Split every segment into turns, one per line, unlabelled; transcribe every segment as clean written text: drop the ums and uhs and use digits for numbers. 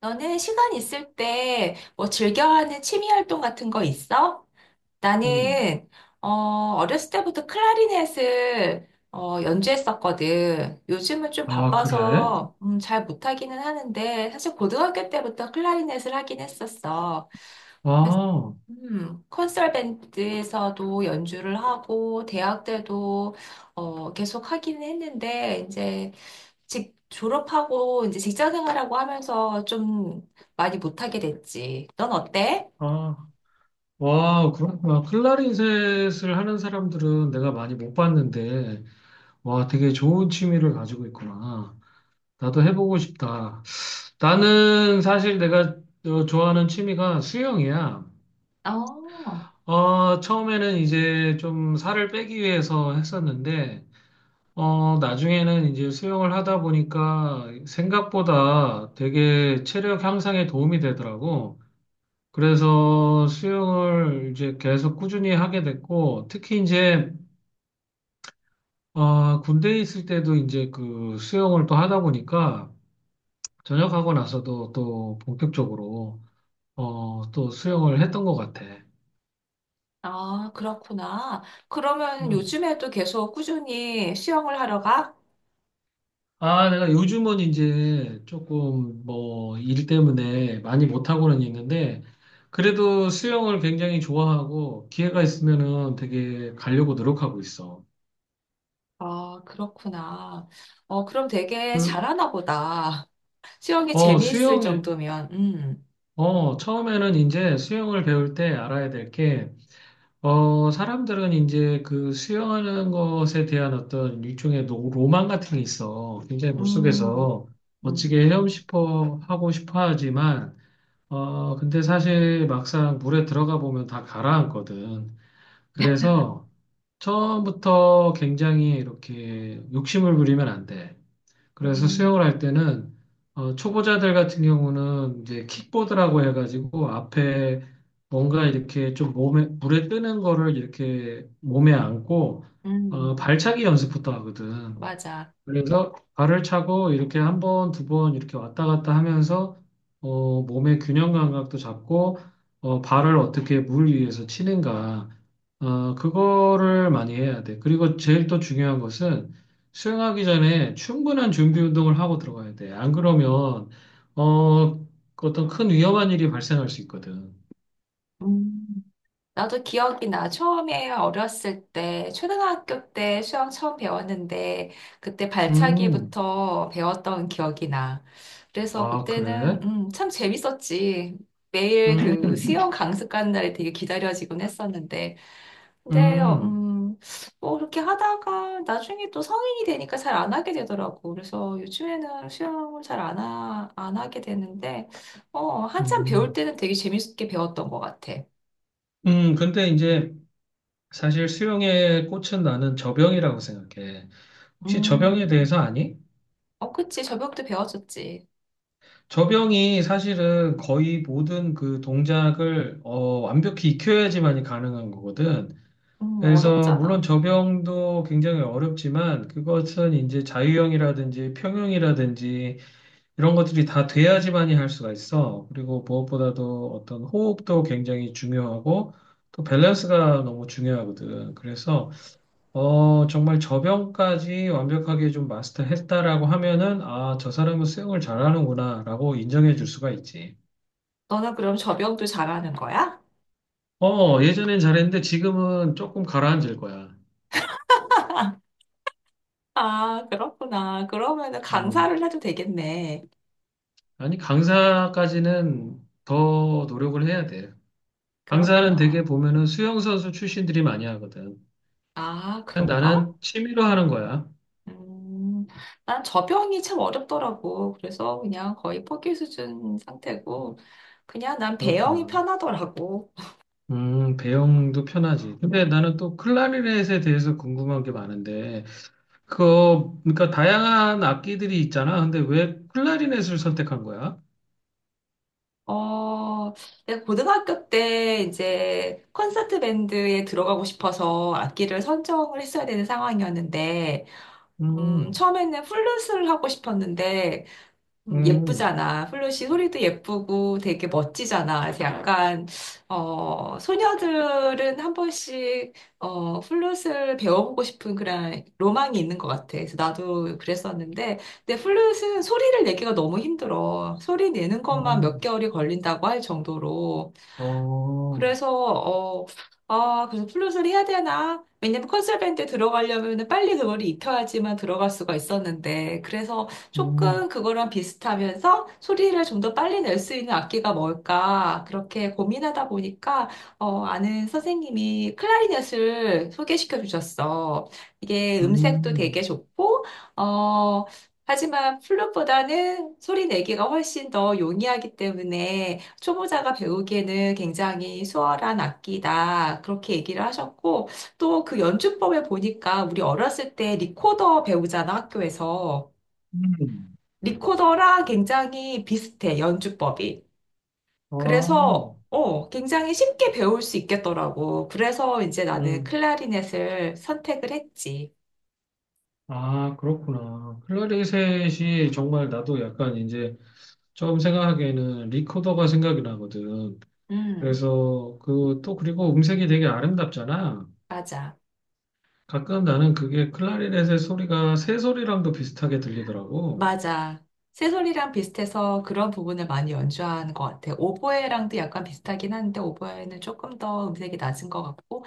너는 시간 있을 때 뭐 즐겨하는 취미 활동 같은 거 있어?
음.
나는 어, 어렸을 때부터 클라리넷을 연주했었거든. 요즘은 좀
아, 그래?
바빠서 잘 못하기는 하는데 사실 고등학교 때부터 클라리넷을 하긴 했었어. 그래서,
아,
콘서트 밴드에서도 연주를 하고 대학 때도 계속 하기는 했는데 이제 졸업하고 이제 직장 생활하고 하면서 좀 많이 못하게 됐지. 넌 어때?
아, 와, 그렇구나. 클라리넷을 하는 사람들은 내가 많이 못 봤는데, 와, 되게 좋은 취미를 가지고 있구나. 나도 해보고 싶다. 나는 사실 내가 좋아하는 취미가 수영이야.
어,
처음에는 이제 좀 살을 빼기 위해서 했었는데, 나중에는 이제 수영을 하다 보니까 생각보다 되게 체력 향상에 도움이 되더라고. 그래서 수영을 이제 계속 꾸준히 하게 됐고, 특히 이제, 군대에 있을 때도 이제 그 수영을 또 하다 보니까, 전역하고 나서도 또 본격적으로, 또 수영을 했던 것 같아.
아, 그렇구나. 그러면
음.
요즘에도 계속 꾸준히 수영을 하러 가?
아, 내가 요즘은 이제 조금 뭐 일 때문에 많이 못하고는 있는데, 그래도 수영을 굉장히 좋아하고, 기회가 있으면은 되게 가려고 노력하고 있어.
아, 그렇구나. 어, 그럼 되게
그,
잘하나 보다. 수영이 재미있을
수영에,
정도면,
처음에는 이제 수영을 배울 때 알아야 될 게, 사람들은 이제 그 수영하는 것에 대한 어떤 일종의 로망 같은 게 있어. 굉장히
음, 음,
물속에서 멋지게
음,
헤엄 싶어 하지만, 근데 사실 막상 물에 들어가 보면 다 가라앉거든. 그래서 처음부터 굉장히 이렇게 욕심을 부리면 안 돼. 그래서
음,
수영을 할 때는 초보자들 같은 경우는 이제 킥보드라고 해가지고 앞에 뭔가 이렇게 좀 몸에 물에 뜨는 거를 이렇게 몸에 안고
음,
발차기 연습부터 하거든.
맞아.
그래서 발을 차고 이렇게 한 번, 두 번 이렇게 왔다 갔다 하면서 몸의 균형 감각도 잡고 발을 어떻게 물 위에서 치는가 그거를 많이 해야 돼. 그리고 제일 또 중요한 것은 수영하기 전에 충분한 준비 운동을 하고 들어가야 돼. 안 그러면 어, 그 어떤 큰 위험한 일이 발생할 수 있거든.
음. 나도 기억이 나. 처음에 어렸을 때, 초등학교 때 수영 처음 배웠는데, 그때
음,
발차기부터 배웠던 기억이 나. 그래서
아,
그때는,
그래?
참 재밌었지. 매일 그
음,
수영 강습 가는 날이 되게 기다려지곤 했었는데. 근데,
음,
뭐, 그렇게 하다가 나중에 또 성인이 되니까 잘 안 하게 되더라고. 그래서 요즘에는 수영을 잘 안 하, 안 하게 되는데, 한참 배울
음.
때는 되게 재밌게 배웠던 것 같아.
근데 이제 사실 수영의 꽃은 나는 저병이라고 생각해. 혹시 저병에
음.
대해서 아니?
어, 그치. 접영도 배워줬지.
저병이 사실은 거의 모든 그 동작을 완벽히 익혀야지만이 가능한 거거든. 그래서 물론
어렵잖아.
저병도 굉장히 어렵지만 그것은 이제 자유형이라든지 평형이라든지 이런 것들이 다 돼야지만이 할 수가 있어. 그리고 무엇보다도 어떤 호흡도 굉장히 중요하고 또 밸런스가 너무 중요하거든. 그래서 정말 저변까지 완벽하게 좀 마스터했다라고 하면은, 아, 저 사람은 수영을 잘하는구나라고 인정해 줄 수가 있지.
너는 그럼 접영도 잘하는 거야?
예전엔 잘했는데 지금은 조금 가라앉을 거야.
아, 그렇구나. 그러면은
음,
강사를 해도 되겠네.
아니, 강사까지는 더 노력을 해야 돼. 강사는
그렇구나.
되게 보면은 수영선수 출신들이 많이 하거든.
아,
그냥
그런가?
나는 취미로 하는 거야.
음, 난 접영이 참 어렵더라고. 그래서 그냥 거의 포기 수준 상태고, 그냥 난 배영이
그렇구나.
편하더라고.
배영도 편하지. 근데 나는 또 클라리넷에 대해서 궁금한 게 많은데, 그러니까 다양한 악기들이 있잖아. 근데 왜 클라리넷을 선택한 거야?
어, 내가 고등학교 때 이제 콘서트 밴드에 들어가고 싶어서 악기를 선정을 했어야 되는 상황이었는데,
음,
처음에는 플룻을 하고 싶었는데,
음,
예쁘잖아. 플룻이 소리도 예쁘고 되게 멋지잖아. 그래서 약간, 소녀들은 한 번씩, 플룻을 배워보고 싶은 그런 로망이 있는 것 같아. 그래서 나도 그랬었는데, 근데 플룻은 소리를 내기가 너무 힘들어. 소리 내는 것만
어,
몇 개월이 걸린다고 할 정도로.
어,
그래서 어, 아, 그래서 플룻을 해야 되나? 왜냐면 컨설밴드 들어가려면 빨리 그걸 익혀야지만 들어갈 수가 있었는데, 그래서
음,
조금 그거랑 비슷하면서 소리를 좀 더 빨리 낼 수 있는 악기가 뭘까? 그렇게 고민하다 보니까, 아는 선생님이 클라리넷을 소개시켜 주셨어. 이게 음색도 되게
음,
좋고, 어, 하지만 플룻보다는 소리 내기가 훨씬 더 용이하기 때문에 초보자가 배우기에는 굉장히 수월한 악기다. 그렇게 얘기를 하셨고, 또 그 연주법에 보니까 우리 어렸을 때 리코더 배우잖아, 학교에서.
음.
리코더랑 굉장히 비슷해, 연주법이.
아,
그래서, 굉장히 쉽게 배울 수 있겠더라고. 그래서 이제 나는
음,
클라리넷을 선택을 했지.
아, 그렇구나. 클라리넷이 정말 나도 약간 이제 처음 생각하기에는 리코더가 생각이 나거든.
음,
그래서 그 또 그리고 음색이 되게 아름답잖아.
맞아.
가끔 나는 그게 클라리넷의 소리가 새 소리랑도 비슷하게 들리더라고.
맞아. 새소리랑 비슷해서 그런 부분을 많이 연주하는 것 같아. 오보에랑도 약간 비슷하긴 한데 오보에는 조금 더 음색이 낮은 것 같고,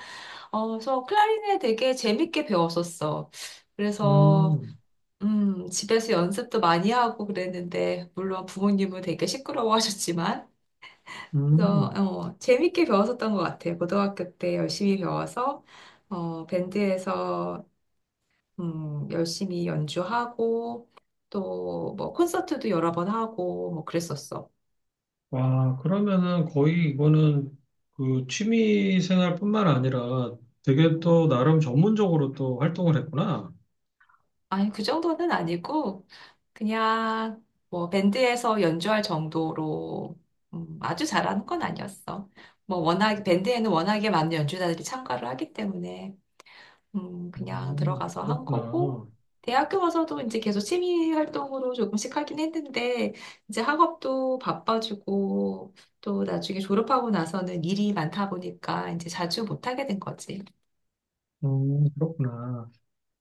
그래서 클라리넷 되게 재밌게 배웠었어. 그래서
음.
집에서 연습도 많이 하고 그랬는데 물론 부모님은 되게 시끄러워하셨지만,
음,
재밌게 배웠었던 것 같아. 고등학교 때 열심히 배워서 밴드에서 열심히 연주하고 또 뭐 콘서트도 여러 번 하고 뭐 그랬었어.
와, 그러면은 거의 이거는 그 취미 생활뿐만 아니라 되게 또 나름 전문적으로 또 활동을 했구나.
아니, 그 정도는 아니고 그냥 뭐 밴드에서 연주할 정도로 아주 잘하는 건 아니었어. 뭐 워낙 밴드에는 워낙에 많은 연주자들이 참가를 하기 때문에 그냥 들어가서 한 거고,
그렇구나.
대학교 와서도 이제 계속 취미 활동으로 조금씩 하긴 했는데, 이제 학업도 바빠지고, 또 나중에 졸업하고 나서는 일이 많다 보니까 이제 자주 못하게 된 거지.
그렇구나.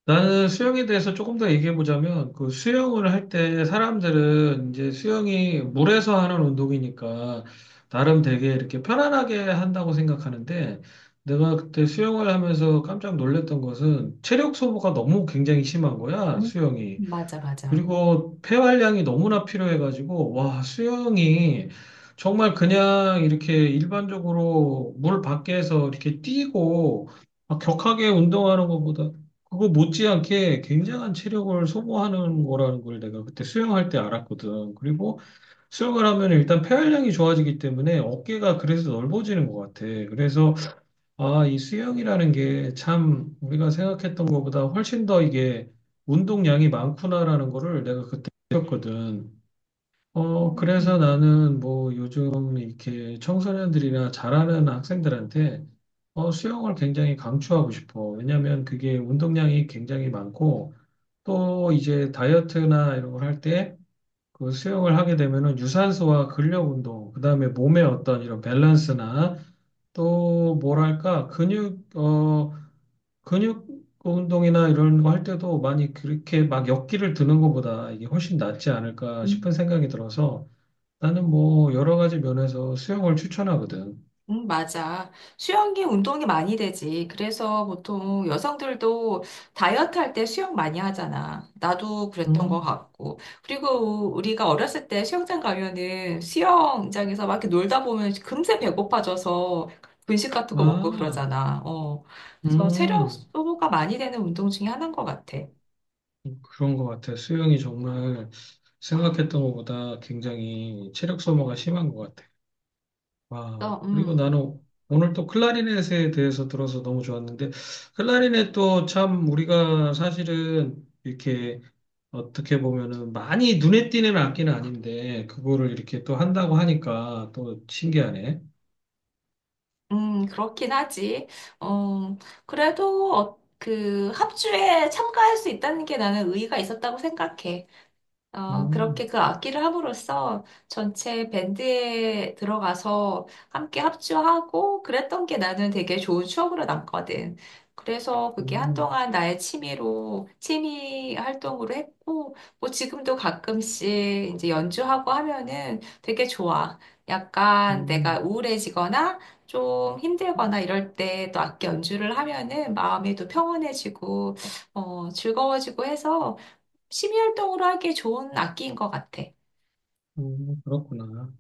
나는 수영에 대해서 조금 더 얘기해 보자면 그 수영을 할 때 사람들은 이제 수영이 물에서 하는 운동이니까 나름 되게 이렇게 편안하게 한다고 생각하는데 내가 그때 수영을 하면서 깜짝 놀랐던 것은 체력 소모가 너무 굉장히 심한 거야, 수영이.
응? 맞아, 맞아.
그리고 폐활량이 너무나 필요해가지고, 와, 수영이 정말 그냥 이렇게 일반적으로 물 밖에서 이렇게 뛰고 막 격하게 운동하는 것보다 그거 못지않게 굉장한 체력을 소모하는 거라는 걸 내가 그때 수영할 때 알았거든. 그리고 수영을 하면 일단 폐활량이 좋아지기 때문에 어깨가 그래서 넓어지는 것 같아. 그래서 아, 이 수영이라는 게 참 우리가 생각했던 것보다 훨씬 더 이게 운동량이 많구나라는 거를 내가 그때 느꼈거든. 그래서 나는 뭐 요즘 이렇게 청소년들이나 잘하는 학생들한테 수영을 굉장히 강추하고 싶어. 왜냐면 그게 운동량이 굉장히 많고 또 이제 다이어트나 이런 걸할때 그 수영을 하게 되면은 유산소와 근력 운동, 그다음에 몸의 어떤 이런 밸런스나 또 뭐랄까 근육 운동이나 이런 거 할 때도 많이 그렇게 막 역기를 드는 것보다 이게 훨씬 낫지 않을까
음.
싶은 생각이 들어서 나는 뭐 여러 가지 면에서 수영을 추천하거든.
맞아. 수영이 운동이 많이 되지. 그래서 보통 여성들도 다이어트 할 때 수영 많이 하잖아. 나도 그랬던 것
음,
같고. 그리고 우리가 어렸을 때 수영장 가면은 수영장에서 막 이렇게 놀다 보면 금세 배고파져서 분식 같은 거 먹고
아,
그러잖아. 어. 그래서 체력
음,
소모가 많이 되는 운동 중에 하나인 것 같아.
그런 것 같아. 수영이 정말 생각했던 것보다 굉장히 체력 소모가 심한 것 같아. 아,
또,
그리고 나는 오늘 또 클라리넷에 대해서 들어서 너무 좋았는데, 클라리넷도 참 우리가 사실은 이렇게 어떻게 보면은 많이 눈에 띄는 악기는 아닌데, 그거를 이렇게 또 한다고 하니까 또 신기하네.
그렇긴 하지. 어, 그래도 그 합주에 참가할 수 있다는 게 나는 의의가 있었다고 생각해. 그렇게
음,
그 악기를 함으로써 전체 밴드에 들어가서 함께 합주하고 그랬던 게 나는 되게 좋은 추억으로 남거든. 그래서 그게
음,
한동안 취미 활동으로 했고, 뭐 지금도 가끔씩 이제 연주하고 하면은 되게 좋아. 약간 내가
음,
우울해지거나 좀 힘들거나 이럴 때 또 악기 연주를 하면은 마음이 또 평온해지고, 즐거워지고 해서 취미 활동으로 하기에 좋은 악기인 것 같아.
그렇구나.